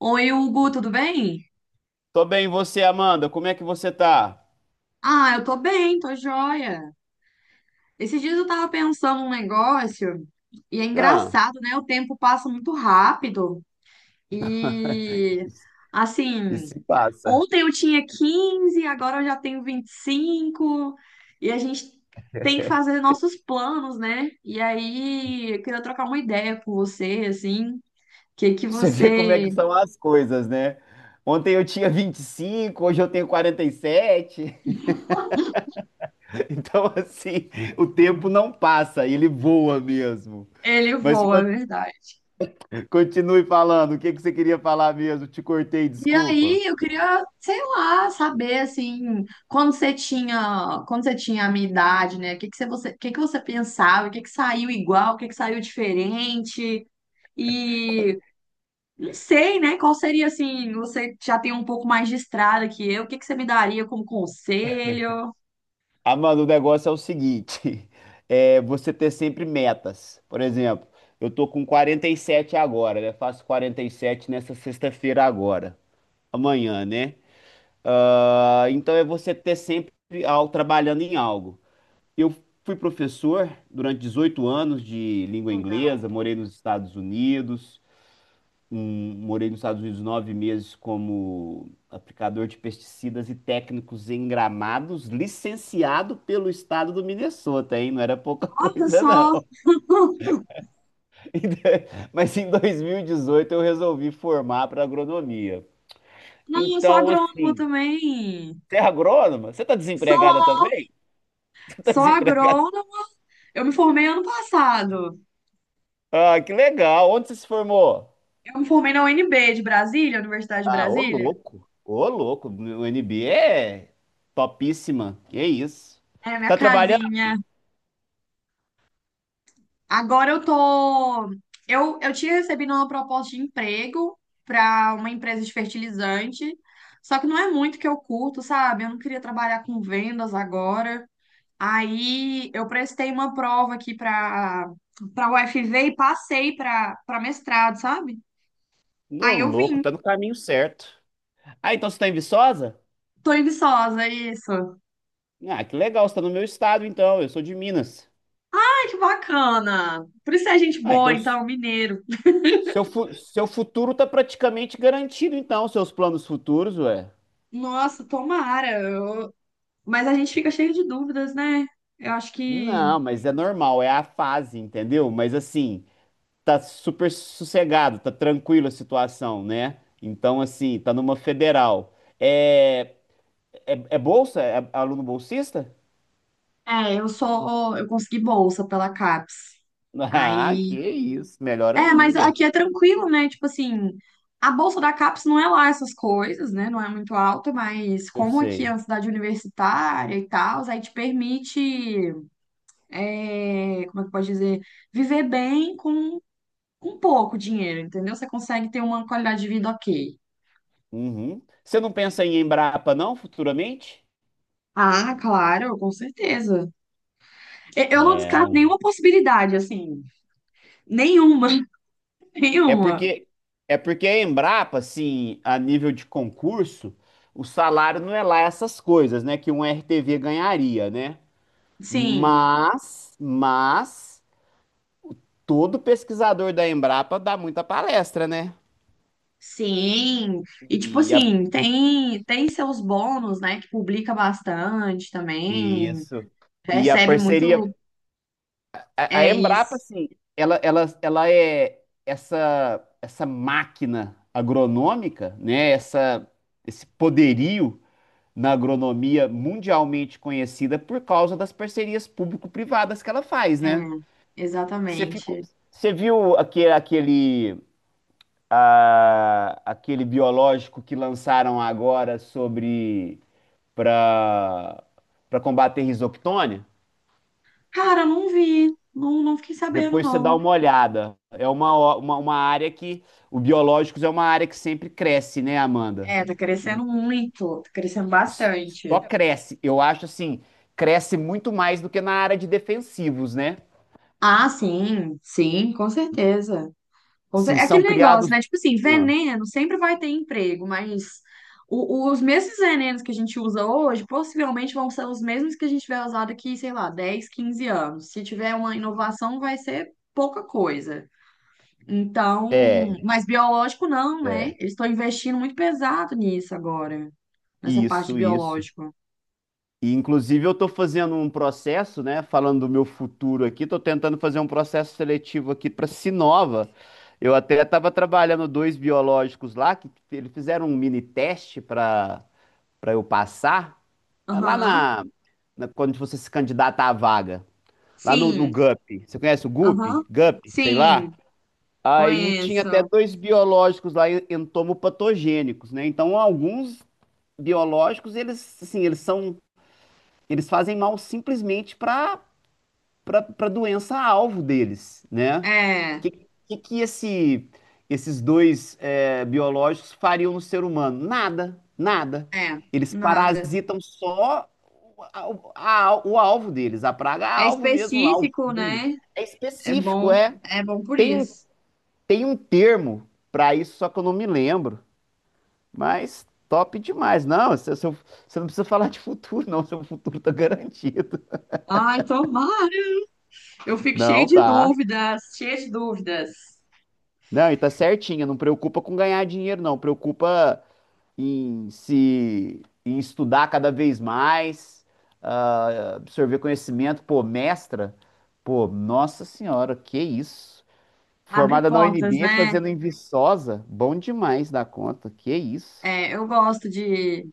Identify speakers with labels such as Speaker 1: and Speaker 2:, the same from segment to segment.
Speaker 1: Oi, Hugo, tudo bem?
Speaker 2: Tô bem, e você, Amanda? Como é que você tá?
Speaker 1: Ah, eu tô bem, tô joia. Esses dias eu tava pensando um negócio e é
Speaker 2: Ah.
Speaker 1: engraçado, né? O tempo passa muito rápido e
Speaker 2: E
Speaker 1: assim,
Speaker 2: se passa.
Speaker 1: ontem eu tinha 15, agora eu já tenho 25 e a gente tem que fazer nossos planos, né? E aí, eu queria trocar uma ideia com você, assim, que
Speaker 2: Você vê como é que
Speaker 1: você
Speaker 2: são as coisas, né? Ontem eu tinha 25, hoje eu tenho 47. Então, assim, o tempo não passa, ele voa mesmo. Mas
Speaker 1: elevou, é verdade.
Speaker 2: continue falando, o que que você queria falar mesmo? Te cortei,
Speaker 1: E
Speaker 2: desculpa.
Speaker 1: aí, eu queria, sei lá, saber assim, quando você tinha a minha idade, né? O que que você, o que que você pensava? O que que saiu igual? O que que saiu diferente? E não sei, né? Qual seria assim, você já tem um pouco mais de estrada que eu, o que que você me daria como conselho?
Speaker 2: Ah, mano, o negócio é o seguinte: é você ter sempre metas. Por exemplo, eu tô com 47 agora, né? Faço 47 nessa sexta-feira agora, amanhã, né? Ah, então é você ter sempre algo trabalhando em algo. Eu fui professor durante 18 anos de língua inglesa, morei nos Estados Unidos morei nos Estados Unidos nove meses como aplicador de pesticidas e técnicos em gramados, licenciado pelo estado do Minnesota, hein? Não era pouca
Speaker 1: Olha
Speaker 2: coisa,
Speaker 1: só,
Speaker 2: não. Mas em 2018 eu resolvi formar para agronomia.
Speaker 1: não, eu sou
Speaker 2: Então,
Speaker 1: agrônoma
Speaker 2: assim,
Speaker 1: também.
Speaker 2: você é agrônoma? Você está desempregada
Speaker 1: Sou,
Speaker 2: também? Você está
Speaker 1: sou
Speaker 2: desempregada?
Speaker 1: agrônoma. Eu me formei ano passado.
Speaker 2: Ah, que legal! Onde você se formou?
Speaker 1: Eu me formei na UNB de Brasília, Universidade de
Speaker 2: Ah, ô
Speaker 1: Brasília.
Speaker 2: louco! Ô louco! O NB é topíssima. Que isso?
Speaker 1: É, minha
Speaker 2: Tá trabalhando?
Speaker 1: casinha. Agora eu tô. Eu tinha recebido uma proposta de emprego para uma empresa de fertilizante, só que não é muito que eu curto, sabe? Eu não queria trabalhar com vendas agora. Aí eu prestei uma prova aqui para UFV e passei para mestrado, sabe?
Speaker 2: Ô,
Speaker 1: Aí eu
Speaker 2: louco,
Speaker 1: vim.
Speaker 2: tá no caminho certo. Ah, então você tá em Viçosa?
Speaker 1: Tô em Viçosa, isso. Ai,
Speaker 2: Ah, que legal, você tá no meu estado então, eu sou de Minas.
Speaker 1: que bacana. Por isso é gente
Speaker 2: Ah,
Speaker 1: boa,
Speaker 2: então
Speaker 1: então, mineiro.
Speaker 2: seu, seu futuro tá praticamente garantido então, seus planos futuros, ué.
Speaker 1: Nossa, tomara. Eu, mas a gente fica cheio de dúvidas, né? Eu acho que.
Speaker 2: Não, mas é normal, é a fase, entendeu? Mas assim, tá super sossegado, tá tranquila a situação, né? Então assim, tá numa federal. É, é bolsa? É aluno bolsista?
Speaker 1: É, eu só. Eu consegui bolsa pela CAPES.
Speaker 2: Ah, que
Speaker 1: Aí.
Speaker 2: isso, melhor
Speaker 1: É, mas
Speaker 2: ainda.
Speaker 1: aqui é tranquilo, né? Tipo assim, a bolsa da CAPES não é lá essas coisas, né? Não é muito alta, mas
Speaker 2: Eu
Speaker 1: como aqui é
Speaker 2: sei.
Speaker 1: uma cidade universitária e tal, aí te permite. É, como é que pode dizer? Viver bem com pouco dinheiro, entendeu? Você consegue ter uma qualidade de vida ok.
Speaker 2: Uhum. Você não pensa em Embrapa, não, futuramente?
Speaker 1: Ah, claro, com certeza. Eu não
Speaker 2: É,
Speaker 1: descarto
Speaker 2: um-
Speaker 1: nenhuma possibilidade, assim. Nenhuma,
Speaker 2: é
Speaker 1: nenhuma.
Speaker 2: porque é porque a Embrapa, assim, a nível de concurso, o salário não é lá essas coisas, né, que um RTV ganharia, né?
Speaker 1: Sim,
Speaker 2: Mas todo pesquisador da Embrapa dá muita palestra, né?
Speaker 1: sim. E tipo
Speaker 2: E a,
Speaker 1: assim, tem seus bônus, né? Que publica bastante também,
Speaker 2: isso. E a
Speaker 1: recebe muito.
Speaker 2: parceria A, a
Speaker 1: É
Speaker 2: Embrapa,
Speaker 1: isso.
Speaker 2: assim, ela, ela, ela é essa, essa máquina agronômica, né? Essa, esse poderio na agronomia mundialmente conhecida por causa das parcerias público-privadas que ela faz,
Speaker 1: É,
Speaker 2: né? Você ficou,
Speaker 1: exatamente.
Speaker 2: você viu aquele, ah, aquele biológico que lançaram agora sobre para para combater risoctônia?
Speaker 1: Cara, eu não vi, não, não fiquei sabendo,
Speaker 2: Depois você dá
Speaker 1: não.
Speaker 2: uma olhada. É uma, uma área que. O biológicos é uma área que sempre cresce, né, Amanda?
Speaker 1: É, tá
Speaker 2: E
Speaker 1: crescendo muito, tá crescendo
Speaker 2: s- Só
Speaker 1: bastante.
Speaker 2: cresce. Eu acho assim, cresce muito mais do que na área de defensivos, né?
Speaker 1: Ah, sim, sim, com certeza.
Speaker 2: Assim,
Speaker 1: É
Speaker 2: são
Speaker 1: aquele negócio,
Speaker 2: criados.
Speaker 1: né? Tipo assim,
Speaker 2: Ah,
Speaker 1: veneno sempre vai ter emprego, mas os mesmos venenos que a gente usa hoje possivelmente vão ser os mesmos que a gente vai usar daqui, sei lá, 10 15 anos. Se tiver uma inovação, vai ser pouca coisa. Então,
Speaker 2: É,
Speaker 1: mas biológico não, né?
Speaker 2: é.
Speaker 1: Eles estão investindo muito pesado nisso agora, nessa parte de
Speaker 2: Isso, isso.
Speaker 1: biológico.
Speaker 2: E, inclusive, eu estou fazendo um processo, né? Falando do meu futuro aqui, estou tentando fazer um processo seletivo aqui para Sinova. Eu até estava trabalhando dois biológicos lá, que eles fizeram um mini teste para eu passar, é lá
Speaker 1: Aham.
Speaker 2: na, na- quando você se candidata à vaga, lá no, no
Speaker 1: Sim,
Speaker 2: GUP. Você conhece o GUP?
Speaker 1: aham.
Speaker 2: GUP, sei lá.
Speaker 1: Sim,
Speaker 2: Aí tinha até
Speaker 1: conheço.
Speaker 2: dois biológicos lá entomopatogênicos, né? Então, alguns biológicos, eles assim, eles são eles fazem mal simplesmente para a doença-alvo deles, né? O
Speaker 1: É,
Speaker 2: que, que, que esse, esses dois é, biológicos fariam no ser humano? Nada, nada.
Speaker 1: é,
Speaker 2: Eles
Speaker 1: nada.
Speaker 2: parasitam só o, a- o alvo deles, a praga
Speaker 1: É
Speaker 2: alvo mesmo lá, o
Speaker 1: específico,
Speaker 2: fungo.
Speaker 1: né?
Speaker 2: É específico, é.
Speaker 1: É bom por
Speaker 2: Tem,
Speaker 1: isso.
Speaker 2: tem um termo para isso, só que eu não me lembro. Mas top demais. Não, você, você não precisa falar de futuro, não. Seu futuro tá garantido.
Speaker 1: Ai, tomara. Eu fico cheio
Speaker 2: Não,
Speaker 1: de
Speaker 2: tá.
Speaker 1: dúvidas, cheia de dúvidas.
Speaker 2: Não, e tá certinha, não preocupa com ganhar dinheiro, não. Preocupa em se em estudar cada vez mais, ah, absorver conhecimento. Pô, mestra, pô, nossa senhora, que isso.
Speaker 1: Abre
Speaker 2: Formada na
Speaker 1: portas,
Speaker 2: UNB,
Speaker 1: né?
Speaker 2: fazendo em Viçosa, bom demais da conta, que isso.
Speaker 1: É, eu gosto de.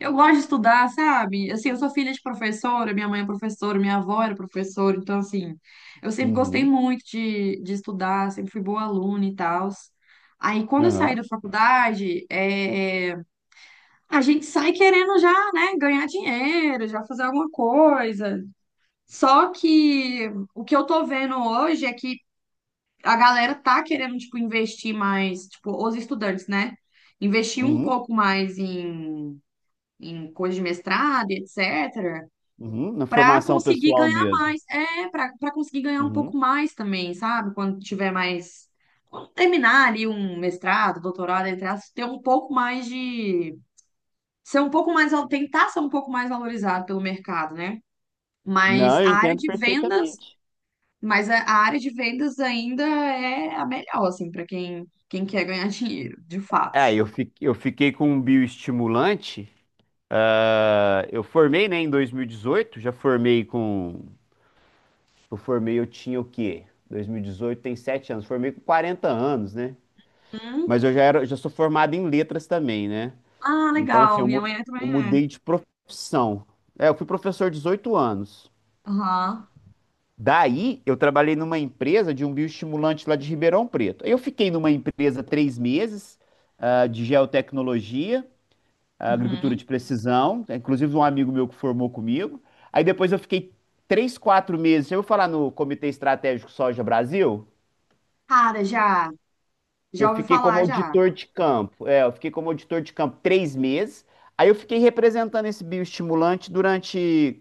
Speaker 1: Eu gosto de estudar, sabe? Assim, eu sou filha de professora, minha mãe é professora, minha avó era professora, então, assim, eu sempre gostei
Speaker 2: Uhum,
Speaker 1: muito de estudar, sempre fui boa aluna e tal. Aí, quando eu saí
Speaker 2: aham,
Speaker 1: da faculdade, é, é, a gente sai querendo já, né, ganhar dinheiro, já fazer alguma coisa. Só que o que eu tô vendo hoje é que a galera tá querendo, tipo, investir mais, tipo, os estudantes, né? Investir um
Speaker 2: uhum,
Speaker 1: pouco mais em, em coisa de mestrado, e etc.,
Speaker 2: uhum, na
Speaker 1: para
Speaker 2: formação
Speaker 1: conseguir
Speaker 2: pessoal
Speaker 1: ganhar
Speaker 2: mesmo.
Speaker 1: mais. É, para conseguir ganhar um pouco
Speaker 2: Uhum.
Speaker 1: mais também, sabe? Quando tiver mais. Quando terminar ali um mestrado, doutorado, entre aspas, ter um pouco mais de. Ser um pouco mais. Tentar ser um pouco mais valorizado pelo mercado, né?
Speaker 2: Não,
Speaker 1: Mas
Speaker 2: eu
Speaker 1: a área
Speaker 2: entendo
Speaker 1: de vendas
Speaker 2: perfeitamente.
Speaker 1: mas a área de vendas ainda é a melhor, assim, para quem, quem quer ganhar dinheiro, de fato.
Speaker 2: É, eu fiquei com um bioestimulante. Ah, eu formei, né, em 2018, já formei com. Eu formei, eu tinha o quê? 2018 tem 7 anos, formei com 40 anos, né?
Speaker 1: Hum.
Speaker 2: Mas eu já era, já sou formado em letras também, né?
Speaker 1: Ah,
Speaker 2: Então, assim,
Speaker 1: legal. Minha mãe
Speaker 2: eu
Speaker 1: também é.
Speaker 2: mudei de profissão. É, eu fui professor 18 anos.
Speaker 1: Aham.
Speaker 2: Daí, eu trabalhei numa empresa de um bioestimulante lá de Ribeirão Preto. Aí eu fiquei numa empresa três meses, ah, de geotecnologia. A agricultura
Speaker 1: Uhum.
Speaker 2: de precisão, inclusive um amigo meu que formou comigo. Aí depois eu fiquei três, quatro meses, eu vou falar no Comitê Estratégico Soja Brasil,
Speaker 1: Cara, já.
Speaker 2: eu
Speaker 1: Já ouvi
Speaker 2: fiquei como
Speaker 1: falar, já.
Speaker 2: auditor de campo, é, eu fiquei como auditor de campo três meses, aí eu fiquei representando esse bioestimulante durante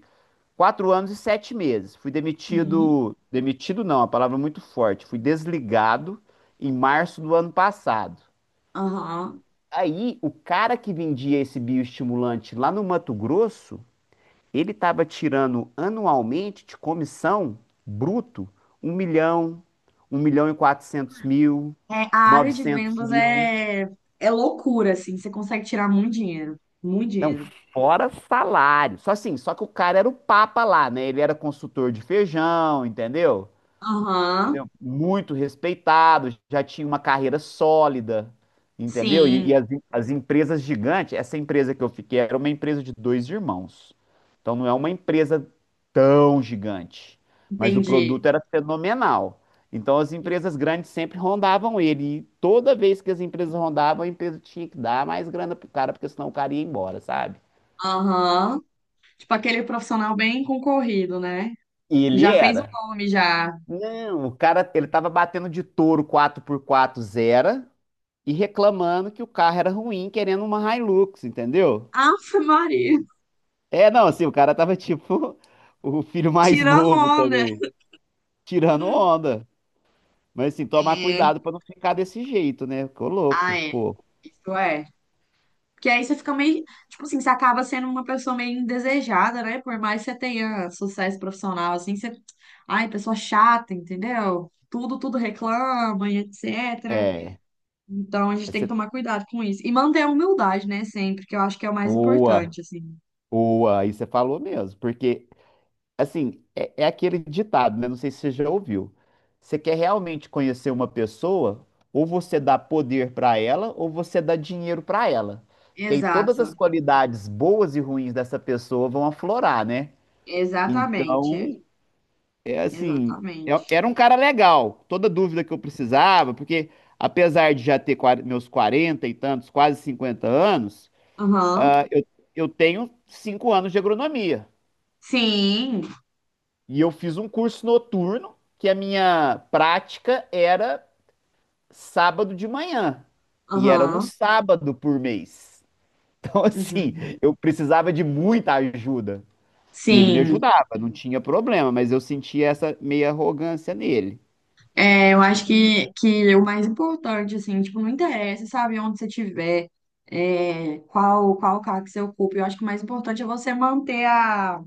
Speaker 2: quatro anos e sete meses. Fui
Speaker 1: Uhum.
Speaker 2: demitido, demitido não, a palavra é muito forte, fui desligado em março do ano passado.
Speaker 1: Aham.
Speaker 2: Aí, o cara que vendia esse bioestimulante lá no Mato Grosso, ele estava tirando anualmente de comissão bruto um milhão, um milhão e quatrocentos mil,
Speaker 1: É, a área de
Speaker 2: 900
Speaker 1: vendas
Speaker 2: mil.
Speaker 1: é, é loucura, assim. Você consegue tirar muito dinheiro. Muito
Speaker 2: Não,
Speaker 1: dinheiro.
Speaker 2: fora salário. Só assim, só que o cara era o papa lá, né? Ele era consultor de feijão, entendeu?
Speaker 1: Aham.
Speaker 2: Entendeu? Muito respeitado, já tinha uma carreira sólida, entendeu?
Speaker 1: Sim.
Speaker 2: As empresas gigantes, essa empresa que eu fiquei era uma empresa de dois irmãos. Então não é uma empresa tão gigante, mas o
Speaker 1: Entendi.
Speaker 2: produto era fenomenal. Então as empresas grandes sempre rondavam ele. E toda vez que as empresas rondavam, a empresa tinha que dar mais grana pro cara, porque senão o cara ia embora, sabe?
Speaker 1: Aham. Tipo aquele profissional bem concorrido, né?
Speaker 2: E ele
Speaker 1: Já fez um
Speaker 2: era.
Speaker 1: nome, já.
Speaker 2: Não, o cara, ele tava batendo de touro quatro por quatro zero e reclamando que o carro era ruim, querendo uma Hilux, entendeu?
Speaker 1: Ave Maria.
Speaker 2: É, não, assim, o cara tava tipo o filho mais
Speaker 1: Tirando
Speaker 2: novo
Speaker 1: onda.
Speaker 2: também, tirando onda. Mas assim, tomar
Speaker 1: É.
Speaker 2: cuidado pra não ficar desse jeito, né? Ficou
Speaker 1: Ah,
Speaker 2: louco,
Speaker 1: é.
Speaker 2: pô.
Speaker 1: Isso é. Porque aí você fica meio. Tipo assim, você acaba sendo uma pessoa meio indesejada, né? Por mais que você tenha sucesso profissional, assim, você. Ai, pessoa chata, entendeu? Tudo, tudo reclama e etc.
Speaker 2: É,
Speaker 1: Então a gente tem
Speaker 2: essa
Speaker 1: que
Speaker 2: é
Speaker 1: tomar cuidado com isso. E manter a humildade, né? Sempre, que eu acho que é o mais
Speaker 2: boa,
Speaker 1: importante, assim.
Speaker 2: boa, aí você falou mesmo, porque assim, é, é aquele ditado, né? Não sei se você já ouviu. Você quer realmente conhecer uma pessoa, ou você dá poder para ela, ou você dá dinheiro para ela. Que aí todas as
Speaker 1: Exato.
Speaker 2: qualidades boas e ruins dessa pessoa vão aflorar, né?
Speaker 1: Exatamente.
Speaker 2: Então, é assim,
Speaker 1: Exatamente.
Speaker 2: é- era um cara legal. Toda dúvida que eu precisava, porque apesar de já ter meus 40 e tantos, quase 50 anos,
Speaker 1: Aham.
Speaker 2: ah, eu tenho 5 anos de agronomia.
Speaker 1: Sim.
Speaker 2: E eu fiz um curso noturno, que a minha prática era sábado de manhã. E era um
Speaker 1: Aham.
Speaker 2: sábado por mês. Então, assim,
Speaker 1: Uhum.
Speaker 2: eu precisava de muita ajuda. E ele me
Speaker 1: Sim.
Speaker 2: ajudava, não tinha problema, mas eu sentia essa meia arrogância nele.
Speaker 1: É, eu acho que é o mais importante, assim, tipo, não interessa, sabe, onde você estiver, é, qual, qual cargo que você ocupa. Eu acho que o mais importante é você manter a,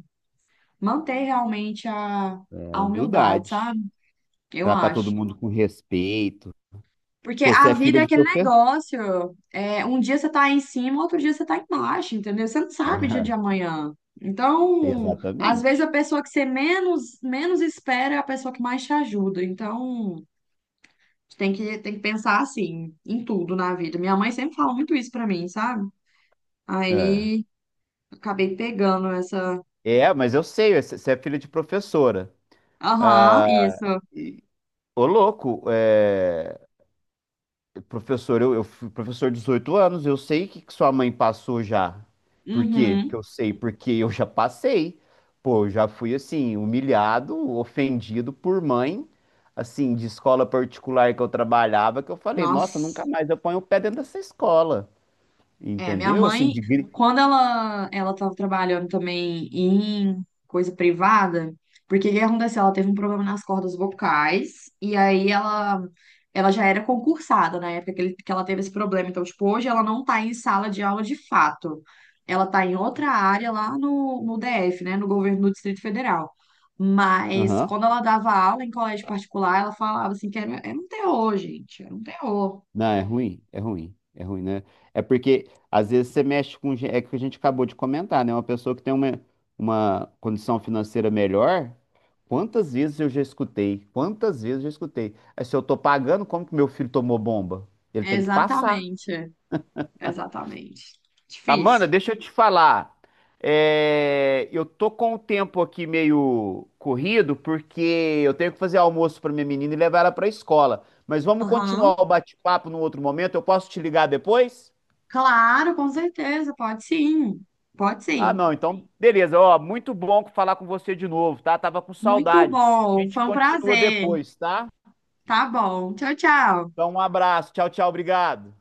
Speaker 1: manter realmente
Speaker 2: É,
Speaker 1: a humildade,
Speaker 2: humildade.
Speaker 1: sabe? Eu
Speaker 2: Tratar todo
Speaker 1: acho.
Speaker 2: mundo com respeito.
Speaker 1: Porque
Speaker 2: Pô, você
Speaker 1: a
Speaker 2: é
Speaker 1: vida
Speaker 2: filha
Speaker 1: é
Speaker 2: de
Speaker 1: aquele
Speaker 2: professor.
Speaker 1: negócio. É, um dia você tá em cima, outro dia você tá embaixo, entendeu? Você não sabe o dia de amanhã. Então, às vezes a
Speaker 2: Exatamente.
Speaker 1: pessoa que você menos, menos espera é a pessoa que mais te ajuda. Então. Tem que pensar assim, em tudo na vida. Minha mãe sempre fala muito isso pra mim, sabe?
Speaker 2: É.
Speaker 1: Aí acabei pegando essa.
Speaker 2: É, mas eu sei, você você é filha de professora.
Speaker 1: Aham,
Speaker 2: Ah,
Speaker 1: isso.
Speaker 2: e ô, louco, é, professor, eu fui professor de 18 anos, eu sei que sua mãe passou já. Por quê? Porque
Speaker 1: Uhum.
Speaker 2: eu sei, porque eu já passei. Pô, eu já fui assim, humilhado, ofendido por mãe, assim, de escola particular que eu trabalhava, que eu falei, nossa, nunca
Speaker 1: Nossa.
Speaker 2: mais eu ponho o pé dentro dessa escola.
Speaker 1: É, minha
Speaker 2: Entendeu? Assim,
Speaker 1: mãe,
Speaker 2: de gri...
Speaker 1: quando ela estava trabalhando também em coisa privada, porque o que aconteceu? Ela teve um problema nas cordas vocais, e aí ela ela já era concursada na época que, que ela teve esse problema. Então, tipo, hoje ela não tá em sala de aula de fato. Ela tá em outra área lá no, no DF, né? No governo do Distrito Federal. Mas quando ela dava aula em colégio particular, ela falava assim que era, era um terror, gente. Era um terror.
Speaker 2: Não, é ruim, é ruim, é ruim, né? É porque às vezes você mexe com. Gen- é o que a gente acabou de comentar, né? Uma pessoa que tem uma condição financeira melhor, quantas vezes eu já escutei? Quantas vezes eu já escutei? "Ah, se eu tô pagando, como que meu filho tomou bomba? Ele tem que passar."
Speaker 1: Exatamente. Exatamente.
Speaker 2: Amanda,
Speaker 1: Difícil.
Speaker 2: deixa eu te falar. É, eu tô com o tempo aqui meio corrido, porque eu tenho que fazer almoço para minha menina e levar ela para a escola. Mas vamos
Speaker 1: Aham.
Speaker 2: continuar o bate-papo num outro momento. Eu posso te ligar depois?
Speaker 1: Claro, com certeza, pode sim. Pode
Speaker 2: Ah,
Speaker 1: sim.
Speaker 2: não, então, beleza. Ó, muito bom falar com você de novo, tá? Tava com
Speaker 1: Muito
Speaker 2: saudade. A
Speaker 1: bom,
Speaker 2: gente
Speaker 1: foi um
Speaker 2: continua
Speaker 1: prazer.
Speaker 2: depois, tá?
Speaker 1: Tá bom. Tchau, tchau.
Speaker 2: Então, um abraço. Tchau, tchau. Obrigado.